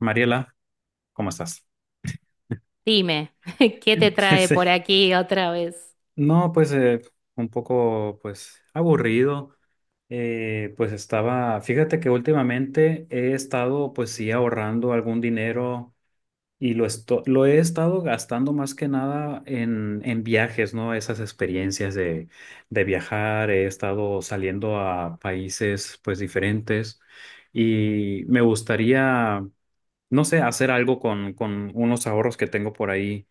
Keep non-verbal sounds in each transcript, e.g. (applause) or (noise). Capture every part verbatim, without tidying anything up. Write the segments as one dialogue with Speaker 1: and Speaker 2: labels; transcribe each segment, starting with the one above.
Speaker 1: Mariela, ¿cómo estás?
Speaker 2: Dime, (laughs) ¿qué te
Speaker 1: (laughs)
Speaker 2: trae por
Speaker 1: Sí.
Speaker 2: aquí otra vez?
Speaker 1: No, pues eh, un poco pues aburrido. Eh, pues estaba, fíjate que últimamente he estado pues sí ahorrando algún dinero y lo, esto- lo he estado gastando más que nada en, en viajes, ¿no? Esas experiencias de, de viajar, he estado saliendo a países pues diferentes y me gustaría, no sé, hacer algo con, con unos ahorros que tengo por ahí.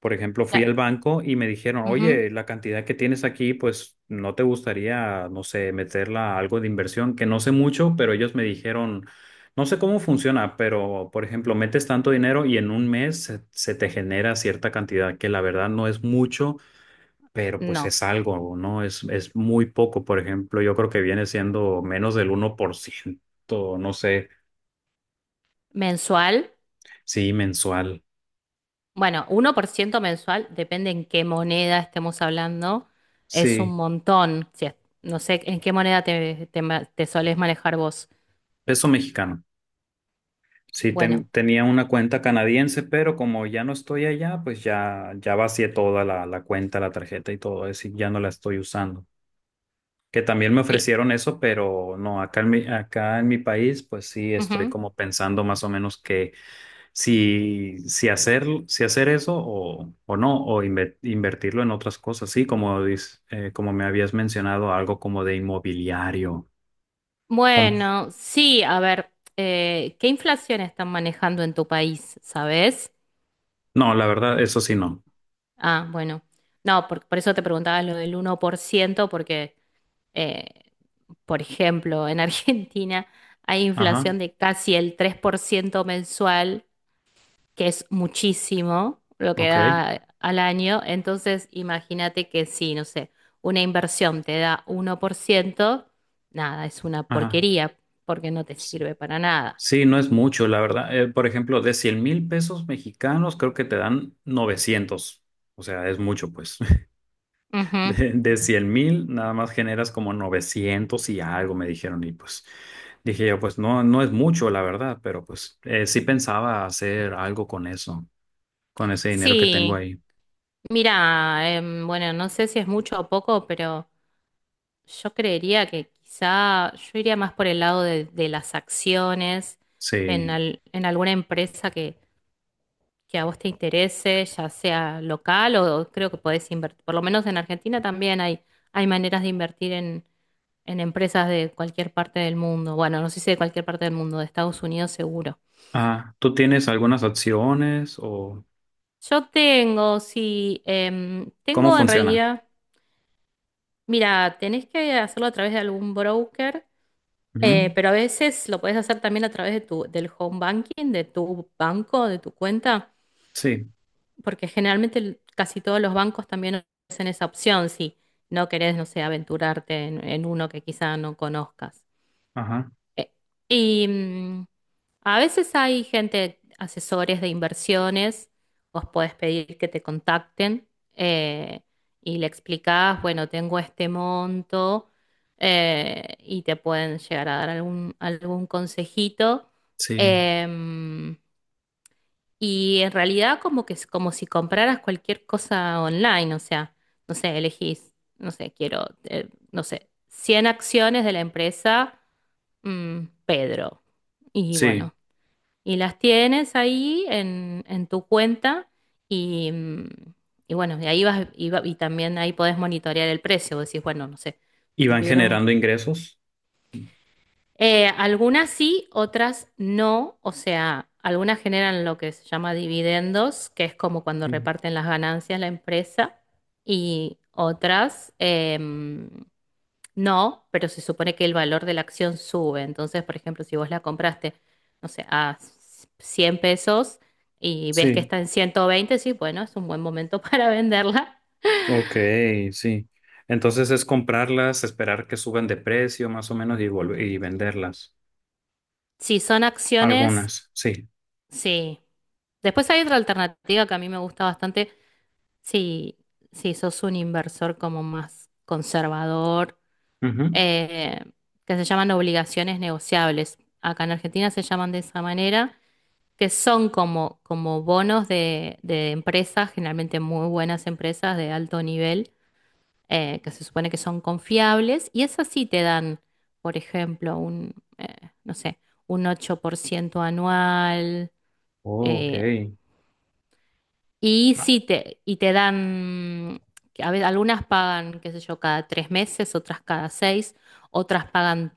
Speaker 1: Por ejemplo, fui
Speaker 2: Cla-
Speaker 1: al banco y me dijeron,
Speaker 2: ujú,
Speaker 1: oye, la cantidad que tienes aquí, pues no te gustaría, no sé, meterla a algo de inversión, que no sé mucho, pero ellos me dijeron, no sé cómo funciona, pero por ejemplo, metes tanto dinero y en un mes se, se te genera cierta cantidad, que la verdad no es mucho, pero pues
Speaker 2: No.
Speaker 1: es algo, ¿no? Es, es muy poco, por ejemplo, yo creo que viene siendo menos del uno por ciento, no sé,
Speaker 2: ¿Mensual?
Speaker 1: sí, mensual.
Speaker 2: Bueno, uno por ciento mensual, depende en qué moneda estemos hablando, es
Speaker 1: Sí,
Speaker 2: un montón. Si es- no sé en qué moneda te, te ma- te solés manejar vos.
Speaker 1: peso mexicano. Sí,
Speaker 2: Bueno.
Speaker 1: ten- tenía una cuenta canadiense, pero como ya no estoy allá, pues ya, ya vacié toda la, la cuenta, la tarjeta y todo, es decir, ya no la estoy usando. Que también me
Speaker 2: cl-
Speaker 1: ofrecieron eso, pero no, acá en mi, acá en mi país, pues sí estoy
Speaker 2: ujú.
Speaker 1: como pensando más o menos que si, si hacer, si hacer eso o, o no, o inve- invertirlo en otras cosas, sí, como, dis- eh, como me habías mencionado, algo como de inmobiliario. Com-
Speaker 2: Bueno, sí, a ver, eh, ¿qué inflación están manejando en tu país, sabes?
Speaker 1: No, la verdad, eso sí no.
Speaker 2: Ah, bueno. No, por, por eso te preguntaba lo del uno por ciento porque... eh, Por ejemplo, en Argentina hay
Speaker 1: Ajá,
Speaker 2: inflación de casi el tres por ciento mensual, que es muchísimo lo que
Speaker 1: ok.
Speaker 2: da al año. Entonces, imagínate que si, no sé, una inversión te da uno por ciento, nada, es una
Speaker 1: Ajá.
Speaker 2: porquería porque no te
Speaker 1: Sí,
Speaker 2: sirve para nada.
Speaker 1: sí, no es mucho, la verdad. Eh, por ejemplo, de cien mil pesos mexicanos, creo que te dan novecientos. O sea, es mucho, pues. (laughs)
Speaker 2: Ujú.
Speaker 1: De, de cien mil nada más generas como novecientos y algo, me dijeron. Y pues dije yo, pues no, no es mucho, la verdad, pero pues eh, sí pensaba hacer algo con eso, con ese dinero que tengo
Speaker 2: Sí,
Speaker 1: ahí.
Speaker 2: mira, em, bueno, no sé si es mucho o poco, pero yo creería que quizá yo iría más por el lado de, de las acciones en,
Speaker 1: Sí.
Speaker 2: al- en alguna empresa que, que a vos te interese, ya sea local o creo que podés invertir. Por lo menos en Argentina también hay, hay maneras de invertir en, en empresas de cualquier parte del mundo. Bueno, no sé si de cualquier parte del mundo, de Estados Unidos seguro.
Speaker 1: Ah, ¿tú tienes algunas acciones o
Speaker 2: Yo tengo, sí, em,
Speaker 1: cómo
Speaker 2: tengo en
Speaker 1: funciona?
Speaker 2: realidad. Mira, tenés que hacerlo a través de algún broker, eh,
Speaker 1: Ujú.
Speaker 2: pero a veces lo podés hacer también a través de tu, del home banking, de tu banco, de tu cuenta,
Speaker 1: Sí,
Speaker 2: porque generalmente el- casi todos los bancos también ofrecen esa opción si no querés, no sé, aventurarte en, en uno que quizá no conozcas.
Speaker 1: ajá,
Speaker 2: Eh, Y mm, a veces hay gente, asesores de inversiones, vos podés pedir que te contacten eh, y le explicás, bueno, tengo este monto eh, y te pueden llegar a dar algún, algún consejito.
Speaker 1: sí,
Speaker 2: Em, y en realidad como que es como si compraras cualquier cosa online, o sea, no sé, elegís, no sé, quiero, eh, no sé, cien acciones de la empresa mm, Pedro. Y
Speaker 1: sí.
Speaker 2: bueno, y las tienes ahí en, en tu cuenta y, mm, y bueno, de ahí vas y, va- y también ahí podés monitorear el precio. Vos decís, bueno, no sé,
Speaker 1: ¿Y van
Speaker 2: subieron.
Speaker 1: generando ingresos?
Speaker 2: eh, algunas sí, otras no. O sea, algunas generan lo que se llama dividendos, que es como cuando
Speaker 1: Sí,
Speaker 2: reparten las ganancias la empresa, y otras, em, no, pero se supone que el valor de la acción sube. Entonces, por ejemplo, si vos la compraste, no sé, a cien pesos y ves que
Speaker 1: sí,
Speaker 2: está en ciento veinte, sí, bueno, es un buen momento (laughs) para venderla.
Speaker 1: ok, sí. Entonces es comprarlas, esperar que suban de precio más o menos y volver y venderlas.
Speaker 2: Si son acciones,
Speaker 1: Algunas, sí.
Speaker 2: sí. Después hay otra alternativa que a mí me gusta bastante. Si, si sos un inversor como más conservador,
Speaker 1: Ujú.
Speaker 2: eh, que se llaman obligaciones negociables. Acá en Argentina se llaman de esa manera que son como, como bonos de, de empresas, generalmente muy buenas empresas de alto nivel, eh, que se supone que son confiables, y esas sí te dan, por ejemplo, un, eh, no sé, un ocho por ciento anual,
Speaker 1: Oh,
Speaker 2: eh,
Speaker 1: ok.
Speaker 2: y
Speaker 1: Ah,
Speaker 2: sí te, y te dan, que a veces algunas pagan, qué sé yo, cada tres meses, otras cada seis, otras pagan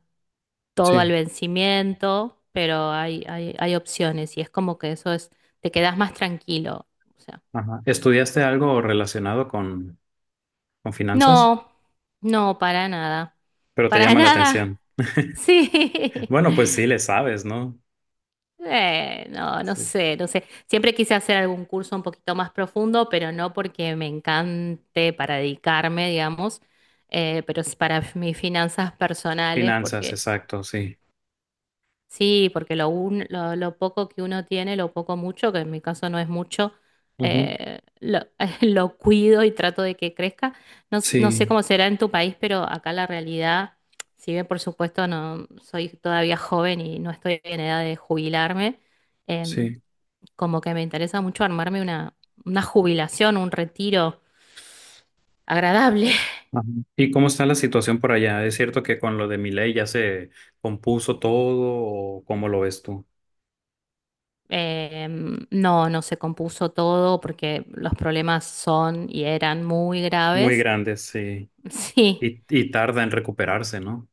Speaker 2: todo al
Speaker 1: sí.
Speaker 2: vencimiento, pero hay, hay, hay opciones y es como que eso es, te quedas más tranquilo. O sea,
Speaker 1: Ajá. ¿Estudiaste algo relacionado con, con finanzas?
Speaker 2: no, no, para nada,
Speaker 1: Pero te
Speaker 2: para
Speaker 1: llama la atención.
Speaker 2: nada.
Speaker 1: (laughs)
Speaker 2: Sí.
Speaker 1: Bueno,
Speaker 2: (laughs)
Speaker 1: pues sí, le sabes, ¿no?
Speaker 2: Eh, no, no
Speaker 1: Sí, sí.
Speaker 2: sé, no sé. Siempre quise hacer algún curso un poquito más profundo, pero no porque me encante para dedicarme, digamos, eh, pero es para mis finanzas personales,
Speaker 1: Finanzas,
Speaker 2: porque
Speaker 1: exacto, sí.
Speaker 2: sí, porque lo, un- lo, lo poco que uno tiene, lo poco mucho, que en mi caso no es mucho,
Speaker 1: Ujú.
Speaker 2: eh, lo, (laughs) lo cuido y trato de que crezca. No, s- no sé
Speaker 1: Sí,
Speaker 2: cómo será en tu país, pero acá la realidad, si bien por supuesto no soy todavía joven y no estoy en edad de jubilarme, em,
Speaker 1: sí.
Speaker 2: como que me interesa mucho armarme una, una jubilación, un retiro agradable. (laughs)
Speaker 1: Ajá. ¿Y cómo está la situación por allá? ¿Es cierto que con lo de mi ley ya se compuso todo o cómo lo ves tú?
Speaker 2: Em, no, no se compuso todo porque los problemas son y eran muy
Speaker 1: Muy
Speaker 2: graves.
Speaker 1: grandes, sí.
Speaker 2: (laughs) Sí,
Speaker 1: Y, y tarda en recuperarse, ¿no?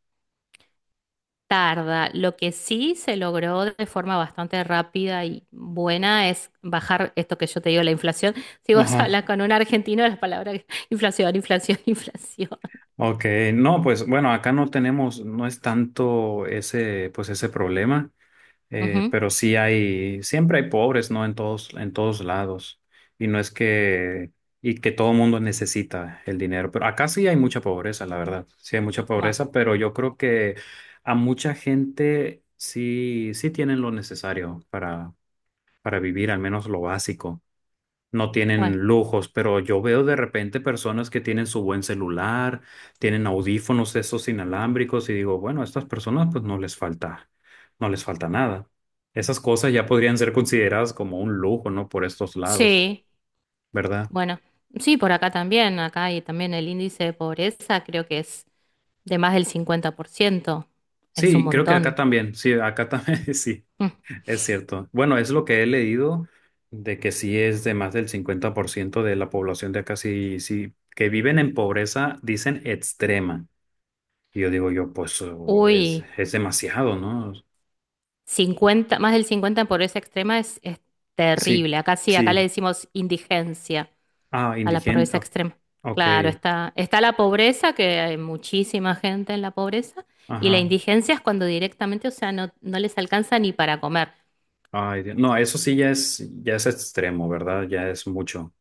Speaker 2: tarda. Lo que sí se logró de forma bastante rápida y buena es bajar esto que yo te digo, la inflación. (laughs) Si vos
Speaker 1: Ajá.
Speaker 2: hablas con un argentino, las palabras (laughs) inflación, inflación, inflación.
Speaker 1: Ok, no, pues bueno, acá no tenemos, no es tanto ese, pues ese problema, eh,
Speaker 2: Ujú.
Speaker 1: pero sí hay, siempre hay pobres, ¿no? En todos, en todos lados. Y no es que, y que todo mundo necesita el dinero, pero acá sí hay mucha pobreza, la verdad. Sí hay mucha
Speaker 2: Ma-
Speaker 1: pobreza, pero yo creo que a mucha gente sí, sí tienen lo necesario para, para vivir, al menos lo básico. No tienen
Speaker 2: Bueno,
Speaker 1: lujos, pero yo veo de repente personas que tienen su buen celular, tienen audífonos esos inalámbricos y digo, bueno, a estas personas pues no les falta, no les falta nada. Esas cosas ya podrían ser consideradas como un lujo, ¿no? Por estos lados,
Speaker 2: sí,
Speaker 1: ¿verdad?
Speaker 2: bueno, sí, por acá también, acá y también el índice de pobreza creo que es de más del cincuenta por ciento. Es un
Speaker 1: Sí, creo que acá
Speaker 2: montón.
Speaker 1: también, sí, acá también, (laughs) sí,
Speaker 2: Mm.
Speaker 1: es cierto. Bueno, es lo que he leído de que sí es de más del cincuenta por ciento de la población de acá, sí, sí, que viven en pobreza, dicen extrema. Y yo digo yo, pues oh, es,
Speaker 2: Uy,
Speaker 1: es demasiado, ¿no?
Speaker 2: cincuenta, más del cincuenta en pobreza extrema es, es
Speaker 1: Sí,
Speaker 2: terrible. Acá sí, acá le
Speaker 1: sí.
Speaker 2: decimos indigencia.
Speaker 1: Ah,
Speaker 2: A la
Speaker 1: indigente.
Speaker 2: pobreza
Speaker 1: Ah,
Speaker 2: extrema.
Speaker 1: ok.
Speaker 2: Claro, está, está la pobreza, que hay muchísima gente en la pobreza, y la
Speaker 1: Ajá.
Speaker 2: indigencia es cuando directamente, o sea, no, no les alcanza ni para comer.
Speaker 1: Ay, Dios. No, eso sí ya es, ya es extremo, ¿verdad? Ya es mucho.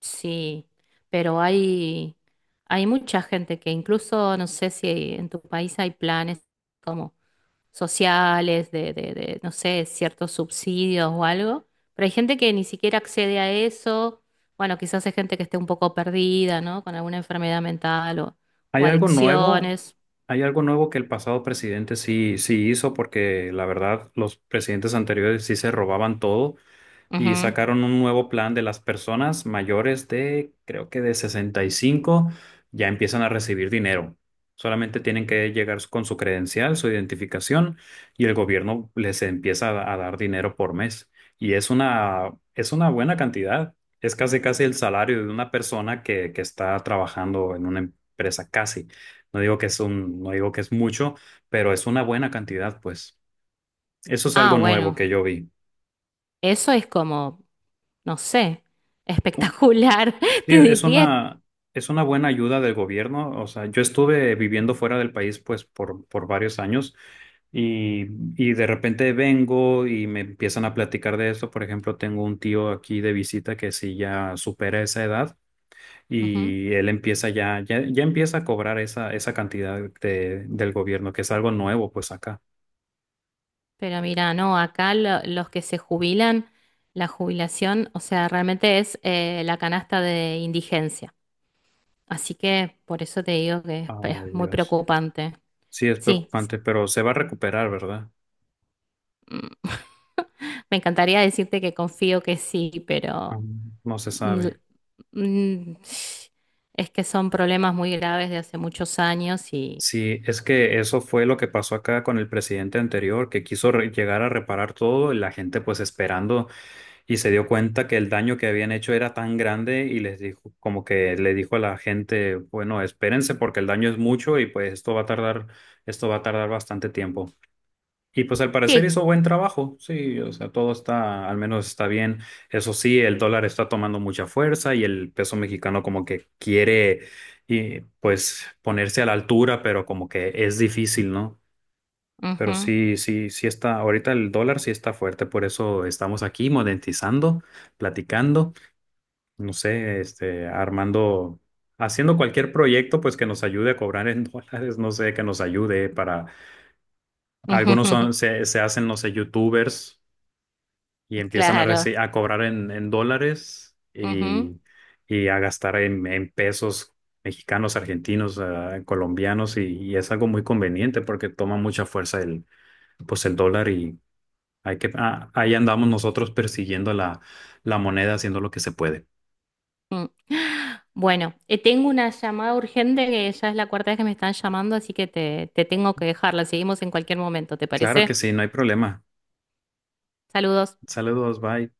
Speaker 2: Sí, pero hay, hay mucha gente que incluso, no sé si en tu país hay planes como sociales, de, de, de, no sé, ciertos subsidios o algo, pero hay gente que ni siquiera accede a eso. Bueno, quizás hay gente que esté un poco perdida, ¿no? Con alguna enfermedad mental o o
Speaker 1: ¿Hay algo nuevo?
Speaker 2: adicciones.
Speaker 1: ¿Hay algo nuevo que el pasado presidente sí, sí hizo? Porque la verdad, los presidentes anteriores sí se robaban todo. Y
Speaker 2: Ujú.
Speaker 1: sacaron un nuevo plan de las personas mayores de, creo que de sesenta y cinco, ya empiezan a recibir dinero. Solamente tienen que llegar con su credencial, su identificación, y el gobierno les empieza a, a dar dinero por mes. Y es una, es una buena cantidad. Es casi casi el salario de una persona que, que está trabajando en una empresa, casi. No digo que es un, no digo que es mucho, pero es una buena cantidad, pues. Eso es
Speaker 2: Ah,
Speaker 1: algo nuevo
Speaker 2: bueno,
Speaker 1: que yo vi.
Speaker 2: eso es como, no sé, espectacular, (laughs)
Speaker 1: Sí,
Speaker 2: te
Speaker 1: es
Speaker 2: diría.
Speaker 1: una, es una buena ayuda del gobierno. O sea, yo estuve viviendo fuera del país pues por, por varios años y, y de repente vengo y me empiezan a platicar de eso. Por ejemplo, tengo un tío aquí de visita que sí ya supera esa edad
Speaker 2: Ujú.
Speaker 1: y él empieza ya, ya, ya empieza a cobrar esa, esa cantidad de, del gobierno, que es algo nuevo pues acá.
Speaker 2: Pero mira, no, acá lo- los que se jubilan, la jubilación, o sea, realmente es eh, la canasta de indigencia. Así que por eso te digo que es,
Speaker 1: Ay,
Speaker 2: es muy
Speaker 1: Dios.
Speaker 2: preocupante.
Speaker 1: Sí, es
Speaker 2: Sí, sí.
Speaker 1: preocupante, pero se va a recuperar, ¿verdad?
Speaker 2: Mm, me encantaría decirte que confío que sí, pero
Speaker 1: Ah, no se
Speaker 2: mm,
Speaker 1: sabe.
Speaker 2: mm, es que son problemas muy graves de hace muchos años y
Speaker 1: Sí, es que eso fue lo que pasó acá con el presidente anterior, que quiso re- llegar a reparar todo y la gente pues esperando, y se dio cuenta que el daño que habían hecho era tan grande y les dijo, como que le dijo a la gente, bueno, espérense porque el daño es mucho y pues esto va a tardar, esto va a tardar bastante tiempo. Y pues al parecer
Speaker 2: sí.
Speaker 1: hizo buen trabajo, sí, o sea, todo está, al menos está bien. Eso sí, el dólar está tomando mucha fuerza y el peso mexicano como que quiere, y, pues, ponerse a la altura, pero como que es difícil, ¿no? Pero
Speaker 2: Ujú.
Speaker 1: sí, sí, sí está, ahorita el dólar sí está fuerte, por eso estamos aquí monetizando, platicando, no sé, este, armando, haciendo cualquier proyecto, pues que nos ayude a cobrar en (laughs) dólares, no sé, que nos ayude para. Algunos son,
Speaker 2: (laughs)
Speaker 1: se, se hacen, no sé, youtubers y
Speaker 2: Ujú,
Speaker 1: empiezan a,
Speaker 2: claro.
Speaker 1: reci- a cobrar en, en dólares
Speaker 2: Ujú,
Speaker 1: y, y a gastar en, en pesos mexicanos, argentinos, ah, colombianos y, y es algo muy conveniente porque toma mucha fuerza el, pues el dólar y hay que, ah, ahí andamos nosotros persiguiendo la, la moneda haciendo lo que se puede.
Speaker 2: mm. Bueno, eh, tengo una llamada urgente que ya es la cuarta vez que me están llamando, así que te, te tengo que dejarla. Seguimos en cualquier momento, ¿te
Speaker 1: Claro que
Speaker 2: parece?
Speaker 1: sí, no hay problema.
Speaker 2: Saludos.
Speaker 1: Saludos, bye.